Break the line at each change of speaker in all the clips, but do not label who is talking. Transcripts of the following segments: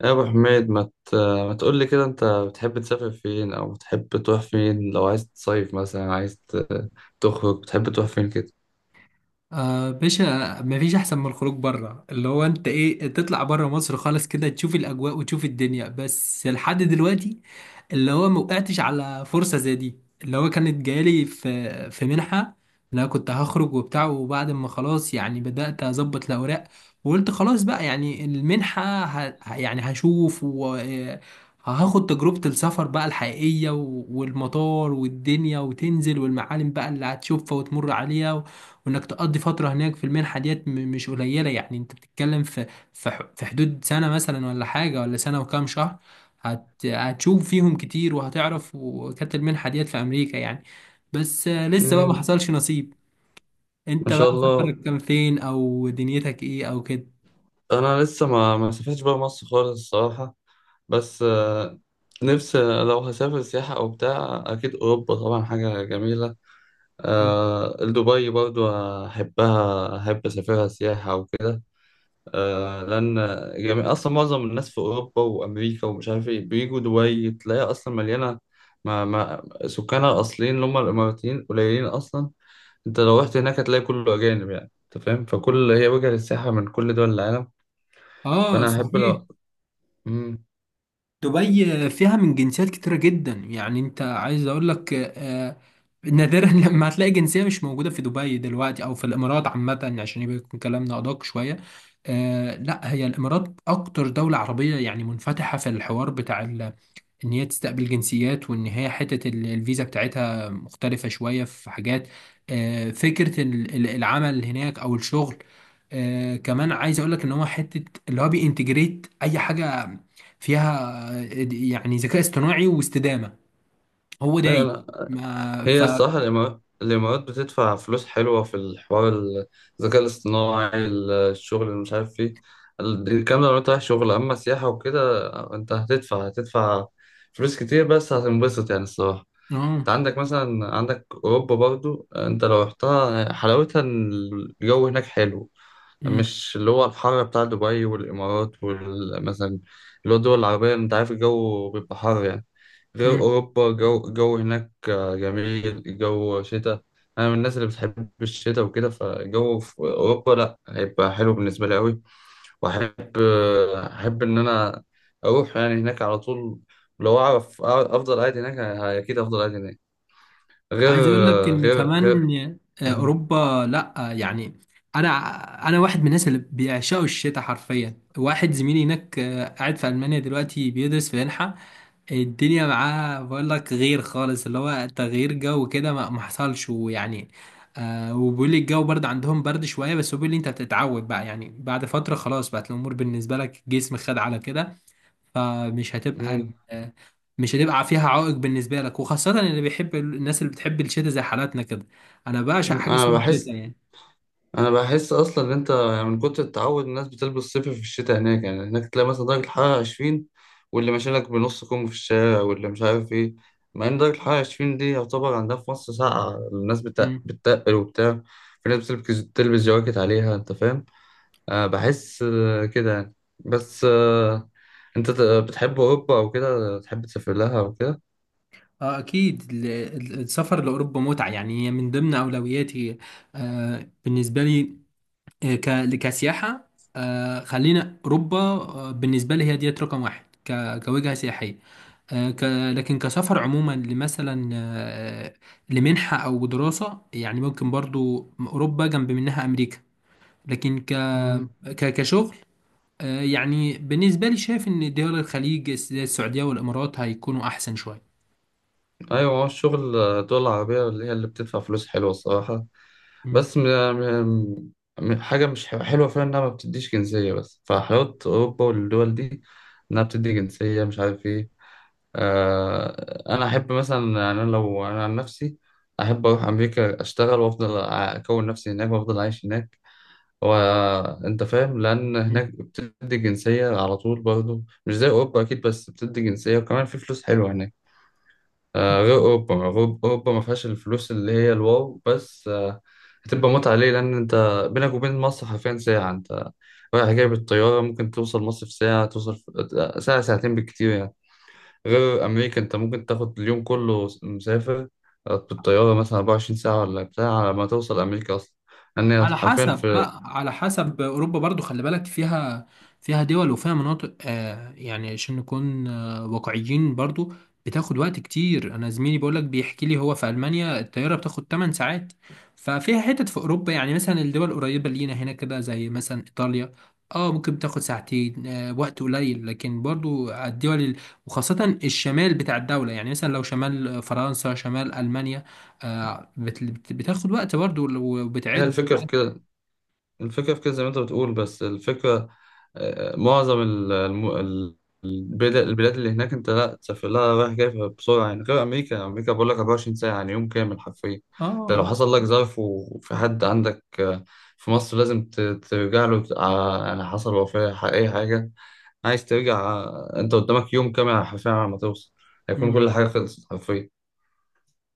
يا ابو حميد ما تقول لي كده انت بتحب تسافر فين او بتحب تروح فين لو عايز تصيف مثلا تخرج بتحب تروح فين كده.
آه، باشا، مفيش احسن من الخروج بره، اللي هو انت ايه تطلع بره مصر خالص كده تشوف الاجواء وتشوف الدنيا. بس لحد دلوقتي اللي هو موقعتش على فرصة زي دي، اللي هو كانت جايلي في منحة. لا، كنت هخرج وبتاع، وبعد ما خلاص يعني بدأت أظبط الأوراق، وقلت خلاص بقى يعني المنحة يعني هشوف وهاخد تجربة السفر بقى الحقيقية، و- والمطار والدنيا وتنزل والمعالم بقى اللي هتشوفها وتمر عليها. وانك تقضي فتره هناك في المنحه ديت مش قليله، يعني انت بتتكلم في حدود سنه مثلا، ولا حاجه، ولا سنه وكام شهر. هتشوف فيهم كتير وهتعرف، وكانت المنحه ديت في امريكا يعني، بس لسه بقى ما
امم
حصلش نصيب.
ما
انت بقى
شاء الله.
سفرك كان فين، او دنيتك ايه، او كده؟
انا لسه ما سافرتش بره مصر خالص الصراحه، بس نفسي لو هسافر سياحه او بتاع اكيد اوروبا طبعا حاجه جميله. دبي برضو احبها، احب اسافرها سياحه وكده، لان جميع اصلا معظم الناس في اوروبا وامريكا ومش عارف ايه بيجوا دبي، تلاقيها اصلا مليانه. ما سكانها الاصليين اللي هم الاماراتيين قليلين اصلا. انت لو رحت هناك هتلاقي كله اجانب يعني، انت فاهم، فكل هي وجهه للسياحه من كل دول العالم.
اه،
فانا احب
صحيح.
لو. مم.
دبي فيها من جنسيات كتيرة جدا، يعني انت عايز اقول لك، نادرا لما هتلاقي جنسية مش موجودة في دبي دلوقتي او في الامارات عامة، عشان يبقى يكون كلامنا ادق شوية. لا، هي الامارات اكتر دولة عربية يعني منفتحة في الحوار بتاع ان هي تستقبل جنسيات، وان هي حتة الفيزا بتاعتها مختلفة شوية في حاجات. فكرة العمل هناك او الشغل. كمان عايز اقول لك ان هو حتة اللي هو بينتجريت اي حاجة فيها، يعني ذكاء اصطناعي واستدامة هو دايس
ايوه.
ما
هي
ف
الصراحة الإمارات بتدفع فلوس حلوة في الحوار، الذكاء الاصطناعي، الشغل اللي مش عارف ايه، الكلام ده لو انت رايح شغل أما سياحة وكده انت هتدفع فلوس كتير، بس هتنبسط يعني الصراحة. انت
اه.
عندك مثلا أوروبا برضو، انت لو رحتها حلاوتها إن الجو هناك حلو،
مم.
مش اللي هو الحر بتاع دبي والإمارات، ومثلا اللي هو الدول العربية أنت عارف الجو بيبقى حر يعني، غير
مم.
أوروبا الجو هناك جميل، الجو شتاء. أنا من الناس اللي بتحب الشتاء وكده، فالجو في أوروبا لأ هيبقى حلو بالنسبة لي أوي، وأحب، أحب إن أنا أروح يعني هناك على طول، لو أعرف أفضل قاعد هناك، أكيد أفضل قاعد هناك. غير
عايز اقول لك ان
غير غير
كمان
م-
اوروبا، لا، يعني انا انا واحد من الناس اللي بيعشقوا الشتاء حرفيا. واحد زميلي هناك، قاعد في المانيا دلوقتي بيدرس في منحه، الدنيا معاه، بقول لك غير خالص، اللي هو تغيير جو كده ما حصلش ويعني. وبيقول لي الجو برد عندهم، برد شويه، بس هو بيقول لي انت بتتعود بقى، يعني بعد فتره خلاص بقت الامور بالنسبه لك، جسم خد على كده، فمش هتبقى
م-
مش هتبقى فيها عائق بالنسبة لك، وخاصة اللي بيحب الناس اللي بتحب الشتاء زي حالاتنا كده. أنا بعشق
م-
حاجة
أنا
اسمها الشتاء
بحس،
يعني.
انا بحس اصلا ان انت يعني من كتر التعود الناس بتلبس صيفي في الشتاء هناك يعني، هناك تلاقي مثلا درجه الحراره 20، واللي ماشي لك بنص كم في الشارع واللي مش عارف ايه، مع ان درجه الحراره 20 دي يعتبر عندها في مصر ساقعه، الناس
مم.
بتتقل وبتاع. في ناس بتلبس جواكت عليها، انت فاهم. أه بحس كده يعني، بس أه انت بتحب اوروبا او كده، تحب تسافر لها او كده؟
اه، أكيد السفر لأوروبا متعة، يعني هي من ضمن أولوياتي بالنسبة لي، كسياحة. خلينا أوروبا بالنسبة لي هي ديت رقم واحد كوجهة سياحية. آه ك لكن كسفر عموما لمثلا لمنحة أو دراسة، يعني ممكن برضو أوروبا، جنب منها أمريكا. لكن
مم.
كشغل، يعني بالنسبة لي شايف إن دول الخليج زي السعودية والإمارات هيكونوا أحسن شوية.
ايوه، هو الشغل الدول العربيه اللي هي اللي بتدفع فلوس حلوه الصراحه.
مم.
بس م... م... م- حاجة مش ح- حلوة فيها إنها ما بتديش جنسية، بس فحلاوة أوروبا والدول دي إنها بتدي جنسية مش عارف إيه. أنا أحب مثلا يعني، أنا لو أنا عن نفسي أحب أروح أمريكا أشتغل وأفضل أكون نفسي هناك وأفضل أعيش هناك، وأنت فاهم، لأن هناك بتدي جنسية على طول برضه مش زي أوروبا أكيد، بس بتدي جنسية وكمان في فلوس حلوة هناك.
مم.
غير أوروبا، أوروبا ما فيهاش الفلوس اللي هي الواو، بس هتبقى متعة ليه لأن أنت بينك وبين مصر حرفيا ساعة، أنت رايح جاي بالطيارة ممكن توصل مصر في ساعة، توصل في ساعة ساعتين بالكتير يعني. غير أمريكا، أنت ممكن تاخد اليوم كله مسافر بالطيارة مثلا 24 ساعة ولا بتاع على ما توصل أمريكا أصلا، لأن هي
على
حرفيا
حسب
في.
بقى على حسب اوروبا برضو خلي بالك فيها فيها دول وفيها مناطق، يعني عشان نكون واقعيين برضو. بتاخد وقت كتير، انا زميلي بيقولك بيحكي لي هو في المانيا، الطياره بتاخد 8 ساعات. ففيها حتت في اوروبا، يعني مثلا الدول القريبه لينا هنا كده زي مثلا ايطاليا، اه، ممكن بتاخد ساعتين، وقت قليل، لكن برضو على الدول وخاصه الشمال بتاع الدوله، يعني مثلا لو شمال فرنسا، شمال المانيا، بتاخد وقت برضو
هي
وبتعد.
الفكرة في كده، الفكرة في كده زي ما انت بتقول، بس الفكرة معظم البلاد اللي هناك انت لا تسافر لها رايح جاي بسرعة يعني، غير أمريكا، أمريكا بقول لك 24 ساعة يعني يوم كامل حرفيا. انت
اه.
لو حصل لك ظرف وفي حد عندك في مصر لازم ترجع له يعني حصل وفاة أي حاجة عايز ترجع، انت قدامك يوم كامل حرفيا على ما توصل، هيكون
مم.
كل حاجة خلصت حرفيا.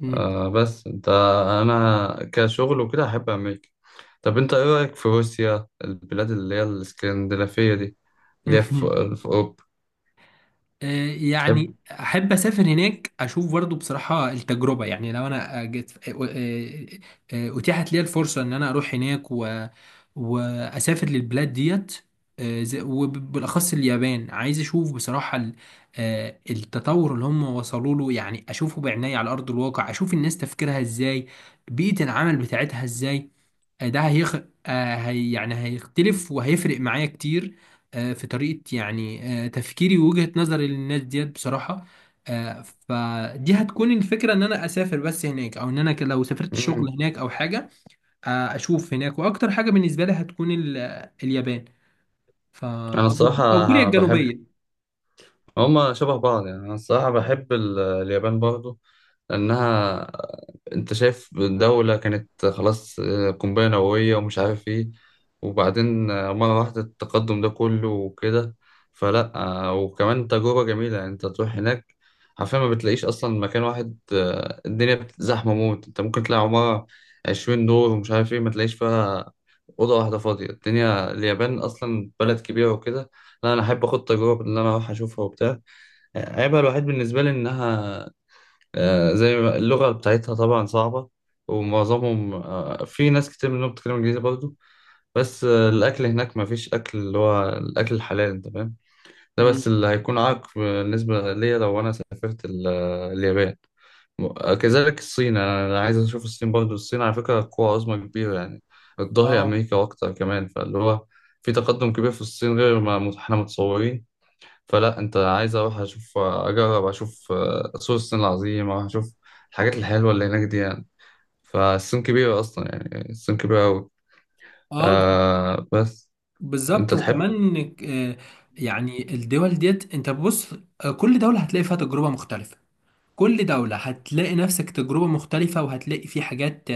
مم.
آه بس انت، انا كشغل وكده احب امريكا. طب انت ايه رايك في روسيا، البلاد اللي هي الاسكندنافيه دي اللي هي
مم.
في في اوروبا، تحب؟
يعني احب اسافر هناك اشوف برضو بصراحه التجربه، يعني لو انا جت، اتيحت لي الفرصه ان انا اروح هناك واسافر للبلاد ديت، وبالاخص اليابان عايز اشوف بصراحه التطور اللي هم وصلوا له، يعني اشوفه بعناية على ارض الواقع، اشوف الناس تفكيرها ازاي، بيئه العمل بتاعتها ازاي، آه، ده هيخ... آه، هي يعني هيختلف وهيفرق معايا كتير في طريقة، يعني تفكيري ووجهة نظري للناس ديت بصراحة. فدي هتكون الفكرة ان انا اسافر بس هناك، او ان انا لو سافرت شغل
مم.
هناك او حاجة. اشوف هناك، واكتر حاجة بالنسبة لي هتكون اليابان، ف...
انا
او أو كوريا
الصراحه بحب،
الجنوبية.
هما شبه بعض يعني. أنا الصراحة بحب اليابان برضو لأنها، أنت شايف دولة كانت خلاص قنبلة نووية ومش عارف إيه، وبعدين مرة واحدة التقدم ده كله وكده، فلأ وكمان تجربة جميلة يعني، أنت تروح هناك حرفيا ما بتلاقيش أصلا مكان واحد، الدنيا زحمة موت، أنت ممكن تلاقي عمارة 20 دور ومش عارف إيه ما تلاقيش فيها أوضة واحدة فاضية، الدنيا اليابان أصلا بلد كبيرة وكده. لا، أنا أحب أخد تجربة إن أنا أروح أشوفها وبتاع. عيبها الوحيد بالنسبة لي إنها زي ما اللغة بتاعتها طبعا صعبة، ومعظمهم، في ناس كتير منهم بتتكلم إنجليزي برضه، بس الأكل هناك مفيش أكل اللي هو الأكل الحلال، أنت فاهم، ده
مم.
بس اللي هيكون عائق بالنسبة ليا لو أنا سافرت اليابان. كذلك الصين، أنا عايز أشوف الصين برضه. الصين على فكرة قوة عظمى كبيرة يعني، بتضاهي
اه،
أمريكا وأكتر كمان، فاللي هو في تقدم كبير في الصين غير ما إحنا متصورين. فلا، انت عايز اروح اشوف، اجرب اشوف سور الصين العظيم، اروح اشوف الحاجات الحلوه اللي هناك دي يعني. فالصين كبيره اصلا يعني، الصين كبيره قوي.
اه،
آه بس انت
بالظبط.
تحب.
وكمان آه، يعني الدول ديت، انت بص، كل دولة هتلاقي فيها تجربة مختلفة، كل دولة هتلاقي نفسك تجربة مختلفة، وهتلاقي في حاجات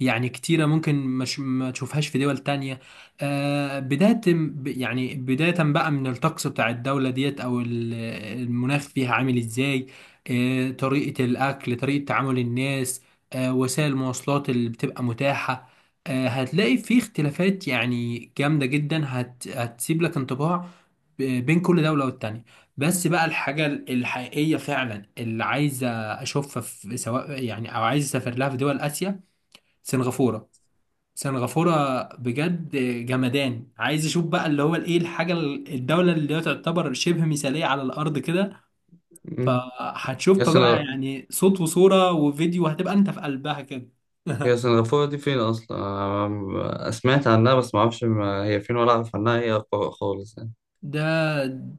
يعني كتيرة ممكن مش ما تشوفهاش في دول تانية. يعني بداية بقى من الطقس بتاع الدولة ديت أو المناخ فيها عامل إزاي، طريقة الأكل، طريقة تعامل الناس، وسائل المواصلات اللي بتبقى متاحة. هتلاقي في اختلافات يعني جامدة جدا، هتسيب لك انطباع بين كل دولة والتانية. بس بقى الحاجة الحقيقية فعلا اللي عايزة أشوفها في، سواء يعني، أو عايز أسافر لها، في دول آسيا. سنغافورة، سنغافورة بجد جمدان، عايز أشوف بقى اللي هو الإيه، الحاجة الدولة اللي هي تعتبر شبه مثالية على الأرض كده.
مم. يا
فهتشوفها بقى
سنغ...
يعني صوت وصورة وفيديو، هتبقى أنت في قلبها كده.
هي سنغافوره دي فين اصلا؟ آه سمعت عنها بس ما اعرفش ما هي فين ولا اعرف عنها، خالص يعني.
ده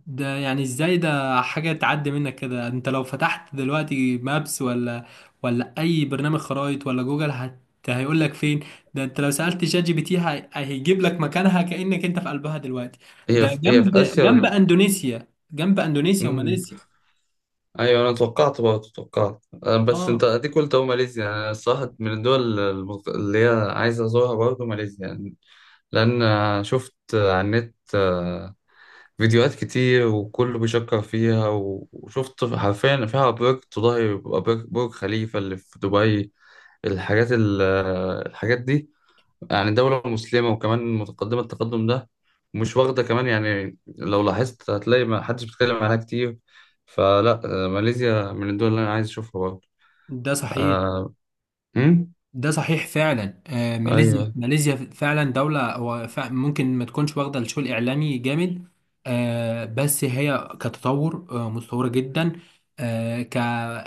ده يعني ازاي؟ ده حاجة تعدي منك كده! انت لو فتحت دلوقتي مابس، ولا اي برنامج خرائط، ولا جوجل، هيقول لك فين. ده انت لو سألت شات جي بي تي، هيجيب لك مكانها، كأنك انت في قلبها دلوقتي.
هي
ده
في... هي
جنب،
في اسيا ولا؟
اندونيسيا
مم.
وماليزيا.
ايوه، انا توقعت برضه، توقعت بس انت
اه.
اديك قلت اهو ماليزيا، انا الصراحه من الدول اللي هي عايز ازورها برضه ماليزيا يعني. لأن شفت على النت فيديوهات كتير وكله بيشكر فيها، وشفت حرفيا فيها برج تضاهي برج خليفة اللي في دبي، الحاجات ال- الحاجات دي يعني، دولة مسلمة وكمان متقدمة التقدم ده، مش واخدة كمان، يعني لو لاحظت هتلاقي ما حدش بيتكلم عنها كتير، فلا ماليزيا من الدول اللي أنا عايز أشوفها برضه.
ده صحيح
آه، أمم؟
ده صحيح فعلا. ماليزيا،
أيوه.
ماليزيا فعلا دولة، هو ممكن ما تكونش واخدة الشو الإعلامي جامد. بس هي كتطور، متطورة جدا. آه، ك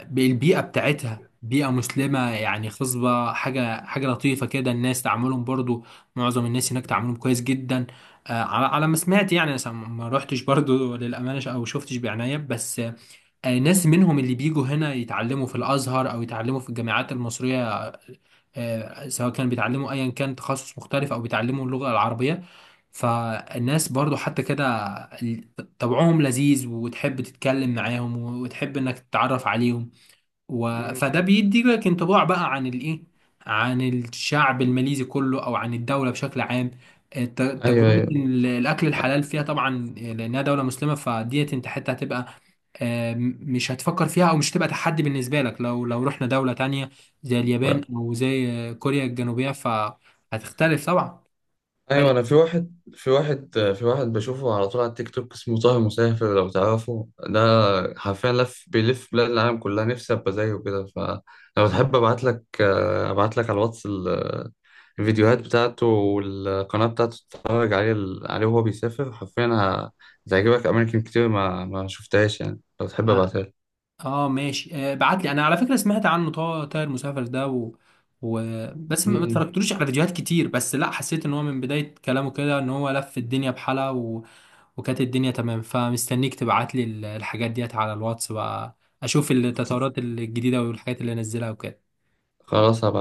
بالبيئة بتاعتها، بيئة مسلمة يعني خصبة، حاجة لطيفة كده. الناس تعاملهم برضو، معظم الناس هناك تعاملهم كويس جدا، على ما سمعت يعني. أنا ما روحتش برضو، للأمانة، أو شفتش بعناية. بس ناس منهم اللي بيجوا هنا يتعلموا في الأزهر أو يتعلموا في الجامعات المصرية، سواء كان بيتعلموا ايا كان تخصص مختلف او بيتعلموا اللغة العربية. فالناس برضو حتى كده ال- طبعهم لذيذ، وتحب تتكلم معاهم، وتحب انك تتعرف عليهم فده
أمم،
بيدي لك انطباع بقى عن الايه، عن الشعب الماليزي كله، او عن الدولة بشكل عام.
أيوه،
تجربة
أيوه.
الأكل الحلال فيها طبعا، لأنها دولة مسلمة، فديت أنت حتى هتبقى، مش هتفكر فيها، او مش هتبقى تحدي بالنسبه لك. لو رحنا دوله تانية زي اليابان، او زي كوريا الجنوبيه، فهتختلف طبعا.
ايوه،
فرق.
انا في واحد، في واحد بشوفه على طول على التيك توك اسمه طه مسافر، لو تعرفه ده، حرفيا لف، بيلف بلاد العالم كلها، نفسي ابقى زيه كده. فلو تحب
مم.
ابعت لك، ابعت لك على الواتس الفيديوهات بتاعته والقناه بتاعته، تتفرج عليه وهو بيسافر حرفيا، هتعجبك اماكن كتير ما ما شفتهاش يعني، لو تحب
اه،
ابعتها لك.
ماشي. بعت لي انا، على فكره سمعت عنه، طائر مسافر ده، و... بس ما
مم.
اتفرجتلوش على فيديوهات كتير. بس لا، حسيت ان هو من بدايه كلامه كده ان هو لف الدنيا بحالها، وكانت الدنيا تمام. فمستنيك تبعت لي الحاجات ديت على الواتس بقى، اشوف التطورات الجديده والحاجات اللي نزلها وكده.
خلاص هبعت.